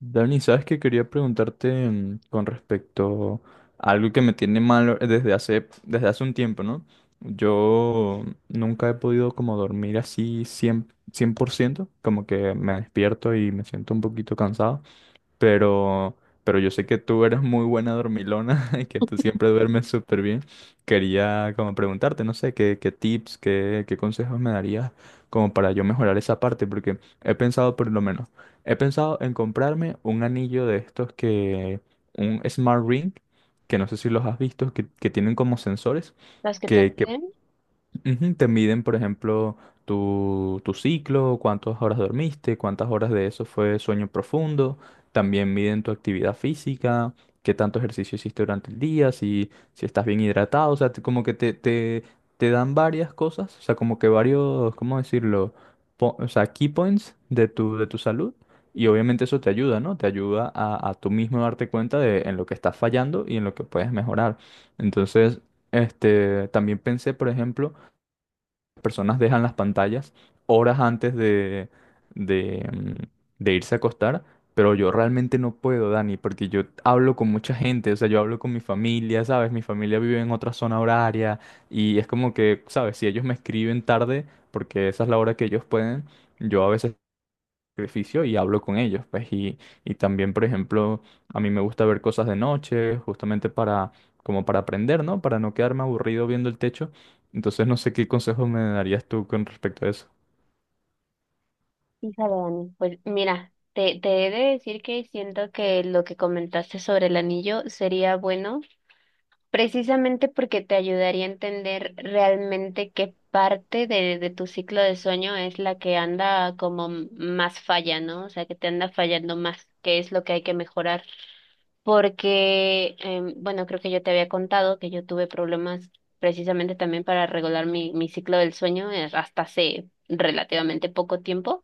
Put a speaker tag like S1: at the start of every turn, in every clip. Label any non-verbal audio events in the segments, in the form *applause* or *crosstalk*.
S1: Dani, sabes que quería preguntarte con respecto a algo que me tiene mal desde hace un tiempo, ¿no? Yo nunca he podido como dormir así 100%, 100%, como que me despierto y me siento un poquito cansado pero, pero yo sé que tú eres muy buena dormilona *laughs* y que tú siempre duermes súper bien. Quería como preguntarte, no sé, qué tips, qué consejos me darías como para yo mejorar esa parte, porque he pensado por lo menos, he pensado en comprarme un anillo de estos que, un Smart Ring, que no sé si los has visto, que tienen como sensores.
S2: Las que
S1: Que
S2: tendrían,
S1: Ujú, te miden, por ejemplo, tu ciclo, cuántas horas dormiste, cuántas horas de eso fue sueño profundo. También miden tu actividad física, qué tanto ejercicio hiciste durante el día, si estás bien hidratado. O sea, como que te dan varias cosas, o sea, como que varios, ¿cómo decirlo? O sea, key points de de tu salud. Y obviamente eso te ayuda, ¿no? Te ayuda a tú mismo darte cuenta de en lo que estás fallando y en lo que puedes mejorar. Entonces, este, también pensé, por ejemplo, personas dejan las pantallas horas antes de, de, mm, de irse a acostar, pero yo realmente no puedo, Dani, porque yo hablo con mucha gente, o sea, yo hablo con mi familia, ¿sabes? Mi familia vive en otra zona horaria y es como que, ¿sabes? Si ellos me escriben tarde, porque esa es la hora que ellos pueden, yo a veces sacrificio y hablo con ellos, pues, y también, por ejemplo, a mí me gusta ver cosas de noche, justamente para, como para aprender, ¿no? Para no quedarme aburrido viendo el techo. Entonces, no sé qué consejos me darías tú con respecto a eso.
S2: hija de Dani. Pues mira, te he de decir que siento que lo que comentaste sobre el anillo sería bueno, precisamente porque te ayudaría a entender realmente qué parte de tu ciclo de sueño es la que anda como más falla, ¿no? O sea, que te anda fallando más, qué es lo que hay que mejorar. Porque, bueno, creo que yo te había contado que yo tuve problemas precisamente también para regular mi ciclo del sueño hasta hace relativamente poco tiempo.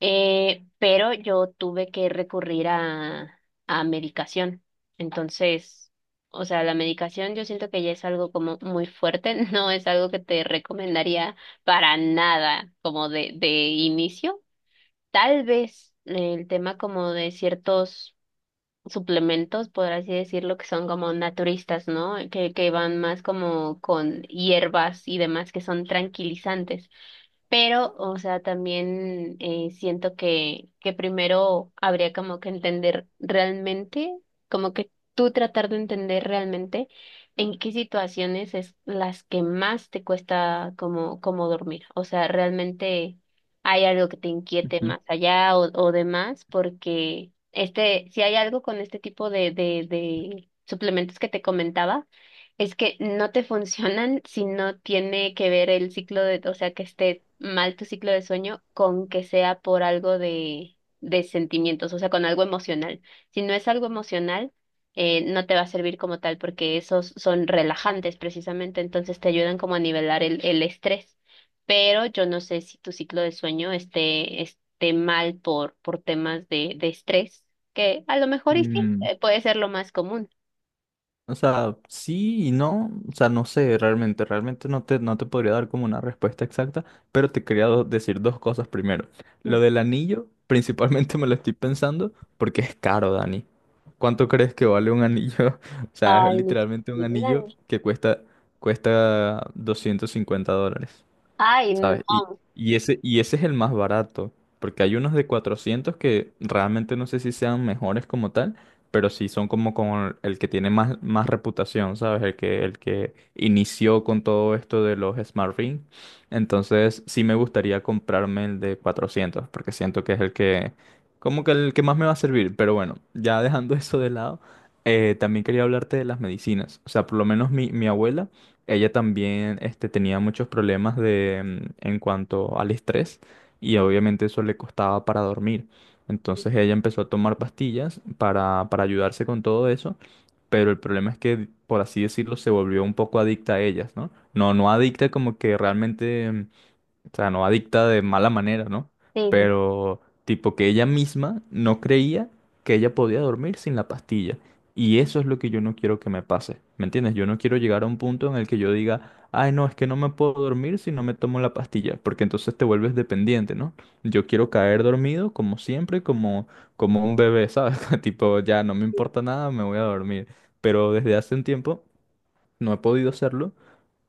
S2: Pero yo tuve que recurrir a medicación. Entonces, o sea, la medicación yo siento que ya es algo como muy fuerte, *laughs* no es algo que te recomendaría para nada como de inicio. Tal vez el tema como de ciertos suplementos, por así decirlo, que son como naturistas, ¿no? Que van más como con hierbas y demás que son tranquilizantes. Pero, o sea, también siento que primero habría como que entender realmente, como que tú tratar de entender realmente en qué situaciones es las que más te cuesta como, como dormir. O sea, realmente hay algo que te inquiete
S1: Ujú.
S2: más allá o demás, porque este, si hay algo con este tipo de suplementos que te comentaba, es que no te *laughs* funcionan si no tiene que ver el ciclo de, o sea, que esté mal tu ciclo de sueño con que sea por algo de sentimientos, o sea, con algo emocional. Si no es algo emocional, no te va a servir como tal porque esos son relajantes precisamente, entonces te ayudan como a nivelar el estrés, pero yo no sé si tu ciclo de sueño esté mal por temas de estrés, que a lo mejor y sí,
S1: Mm.
S2: puede ser lo más común.
S1: O sea, sí y no, o sea, no sé, realmente, realmente no te podría dar como una respuesta exacta, pero te quería decir dos cosas primero.
S2: Sí.
S1: Lo del anillo, *laughs* principalmente me lo estoy pensando porque es caro, Dani. ¿Cuánto crees que vale un anillo? *laughs* O sea, es
S2: Ay, no,
S1: literalmente un
S2: sí,
S1: anillo
S2: dígame.
S1: que cuesta $250.
S2: Ay, no.
S1: ¿Sabes? Y y ese es el más barato, porque hay unos de 400 que realmente no sé si sean mejores como tal, pero sí son como con el que tiene más reputación, ¿sabes? El que inició con todo esto de los Smart Ring. Entonces sí me gustaría comprarme el de 400 porque siento que es el que, como que el que más me va a servir, pero bueno, ya dejando *laughs* eso de lado. También quería hablarte de las medicinas. O sea, por lo menos mi abuela ella también este, tenía muchos problemas en cuanto al estrés y obviamente eso le costaba para dormir. Entonces ella empezó a tomar pastillas para ayudarse con todo eso, pero el problema es que, por así decirlo, se volvió un poco adicta a ellas, ¿no? No, no adicta como que realmente o sea, no adicta de mala manera, ¿no?
S2: Sí, sí,
S1: Pero tipo que ella misma no creía que ella podía dormir sin la pastilla. Y eso es lo que yo no quiero que me pase. ¿Me entiendes? Yo no quiero llegar a un punto en el que yo diga, ay, no, es que no me puedo dormir si no me tomo la pastilla, porque entonces te vuelves dependiente, ¿no? Yo quiero caer dormido como siempre, como, un bebé, ¿sabes? *laughs* Tipo, ya no me importa nada, me voy a dormir. Pero desde hace un tiempo no he podido hacerlo.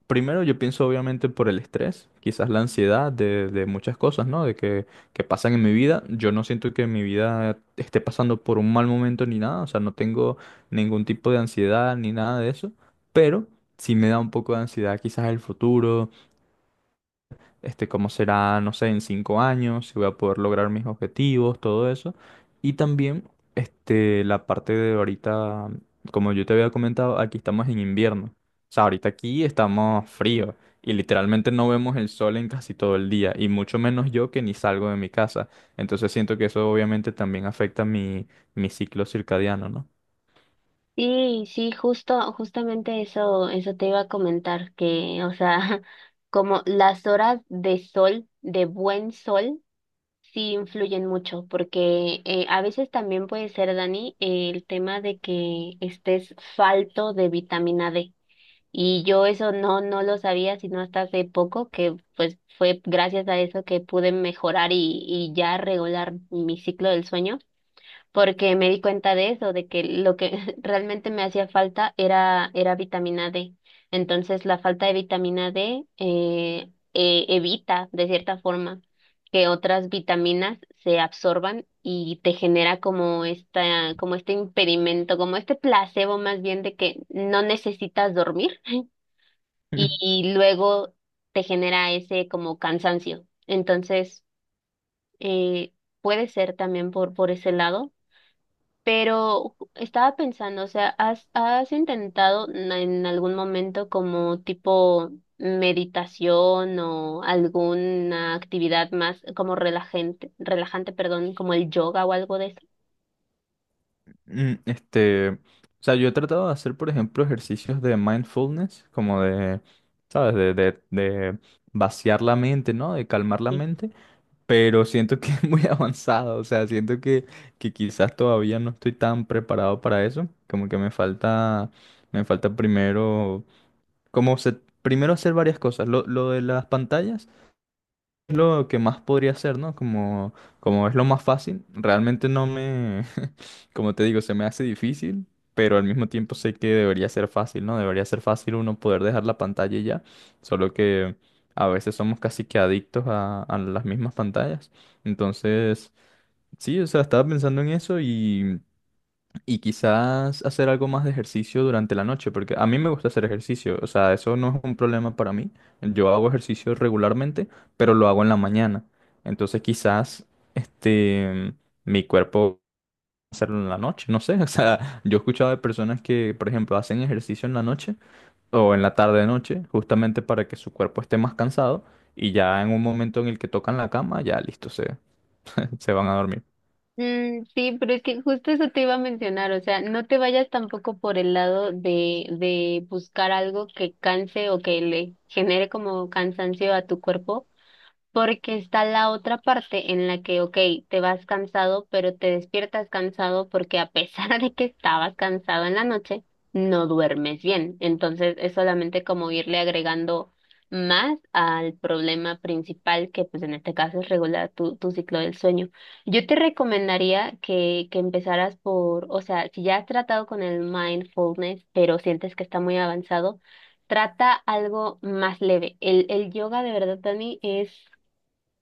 S1: Primero yo pienso obviamente por el estrés, quizás la ansiedad de muchas cosas, ¿no? De que pasan en mi vida. Yo no siento que mi vida esté pasando por un mal momento ni nada, o sea, no tengo ningún tipo de ansiedad ni nada de eso, pero sí me da un poco de ansiedad quizás el futuro, este, cómo será, no sé, en 5 años, si voy a poder lograr mis objetivos, todo eso. Y también, este, la parte de ahorita, como yo te había comentado, aquí estamos en invierno. O sea, ahorita aquí estamos frío y literalmente no vemos el sol en casi todo el día y mucho menos yo que ni salgo de mi casa. Entonces siento que eso obviamente también afecta mi ciclo circadiano, ¿no?
S2: sí, sí, justo, justamente eso, eso te iba a comentar, que, o sea, *laughs* como las horas de sol, de buen sol, sí influyen mucho, porque a veces también puede ser, Dani, el tema de que estés falto de vitamina D. Y yo eso no, no lo sabía, sino hasta hace poco, que pues fue gracias a eso que pude mejorar y ya regular mi ciclo del sueño porque me di cuenta de eso, de que lo que *laughs* realmente me hacía falta era, era vitamina D. Entonces, la falta de vitamina D evita, de cierta forma, que otras vitaminas se absorban y te genera como esta, como este impedimento, como este placebo más bien de que no necesitas dormir y,
S1: *laughs*
S2: y luego te genera ese como cansancio. Entonces, eh, puede ser también por ese lado, pero estaba pensando, o sea, ¿has, has intentado en algún momento como tipo meditación o alguna actividad más como relajante, relajante, perdón, como el yoga o algo de eso?
S1: Este, o sea, yo he tratado de hacer, por ejemplo, ejercicios de mindfulness, como de, ¿sabes? De vaciar la mente, ¿no? De calmar la
S2: Sí.
S1: mente, pero siento que *laughs* es muy avanzado, o sea, siento que quizás todavía no estoy tan preparado para eso, como que me falta primero, como se- primero hacer varias cosas. Lo de las pantallas es lo que más podría hacer, ¿no? Como es lo más fácil, realmente no me, *laughs* como te digo, se me hace difícil, pero al mismo tiempo sé que debería ser fácil, ¿no? Debería ser fácil uno poder dejar la pantalla y ya, solo que a veces somos casi que adictos a las mismas pantallas. Entonces, sí, o sea, estaba pensando en eso y quizás hacer algo más de ejercicio durante la noche, porque a mí me gusta hacer ejercicio, o sea, eso no es un problema para mí. Yo hago ejercicio regularmente, pero lo hago en la mañana. Entonces quizás este mi cuerpo hacerlo en la noche, no sé, *laughs* o sea, yo he escuchado de personas que, por ejemplo, hacen ejercicio en la noche o en la tarde noche, justamente para que su cuerpo esté más cansado y ya en un momento en el que tocan la cama, ya listo, *laughs* se van a dormir.
S2: Mm, sí, pero es que justo eso te iba a mencionar, o sea, no te vayas tampoco por el lado de buscar algo que canse o que le genere como cansancio a tu cuerpo. Porque está la otra parte en la que, ok, te vas cansado, pero te despiertas cansado porque a pesar *laughs* de que estabas cansado en la noche, no duermes bien. Entonces es solamente como irle agregando más al problema principal, que pues en este caso es regular tu ciclo del sueño. Yo te recomendaría que empezaras por, o sea, si ya has tratado con el mindfulness, pero sientes que está muy avanzado, trata algo más leve. El yoga de verdad, Dani, es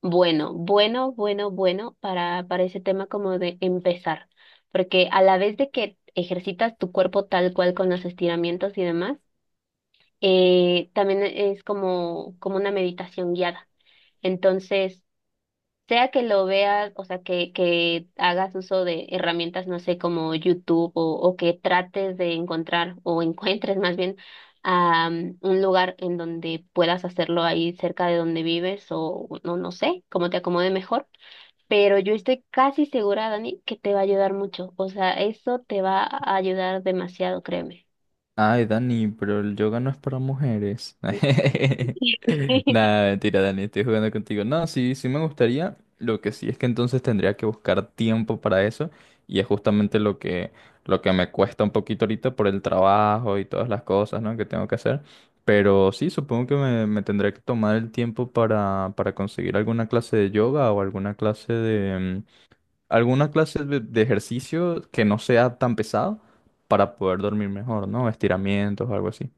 S2: bueno, bueno, bueno, bueno para ese tema como de empezar, porque a la vez de que ejercitas tu cuerpo tal cual con los estiramientos y demás, también es como, como una meditación guiada. Entonces, sea que lo veas, o sea, que hagas uso de herramientas, no sé, como YouTube o que trates de encontrar o *laughs* encuentres más bien un lugar en donde puedas hacerlo ahí cerca de donde vives o no, no sé, como te acomode mejor, pero yo estoy casi segura, Dani, que te va a ayudar mucho. O sea, eso te va a ayudar demasiado, créeme.
S1: Ay, Dani, pero el yoga no es para mujeres. *laughs*
S2: *laughs*
S1: Nada, mentira, Dani, estoy jugando contigo. No, sí, sí me gustaría. Lo que sí es que entonces tendría que buscar tiempo para eso. Y es justamente lo que, me cuesta un poquito ahorita por el trabajo y todas las cosas, ¿no? Que tengo que hacer. Pero sí, supongo que me tendré que tomar el tiempo para conseguir alguna clase de yoga o alguna clase de ejercicio que no sea tan pesado para poder dormir mejor, ¿no? Estiramientos o algo así.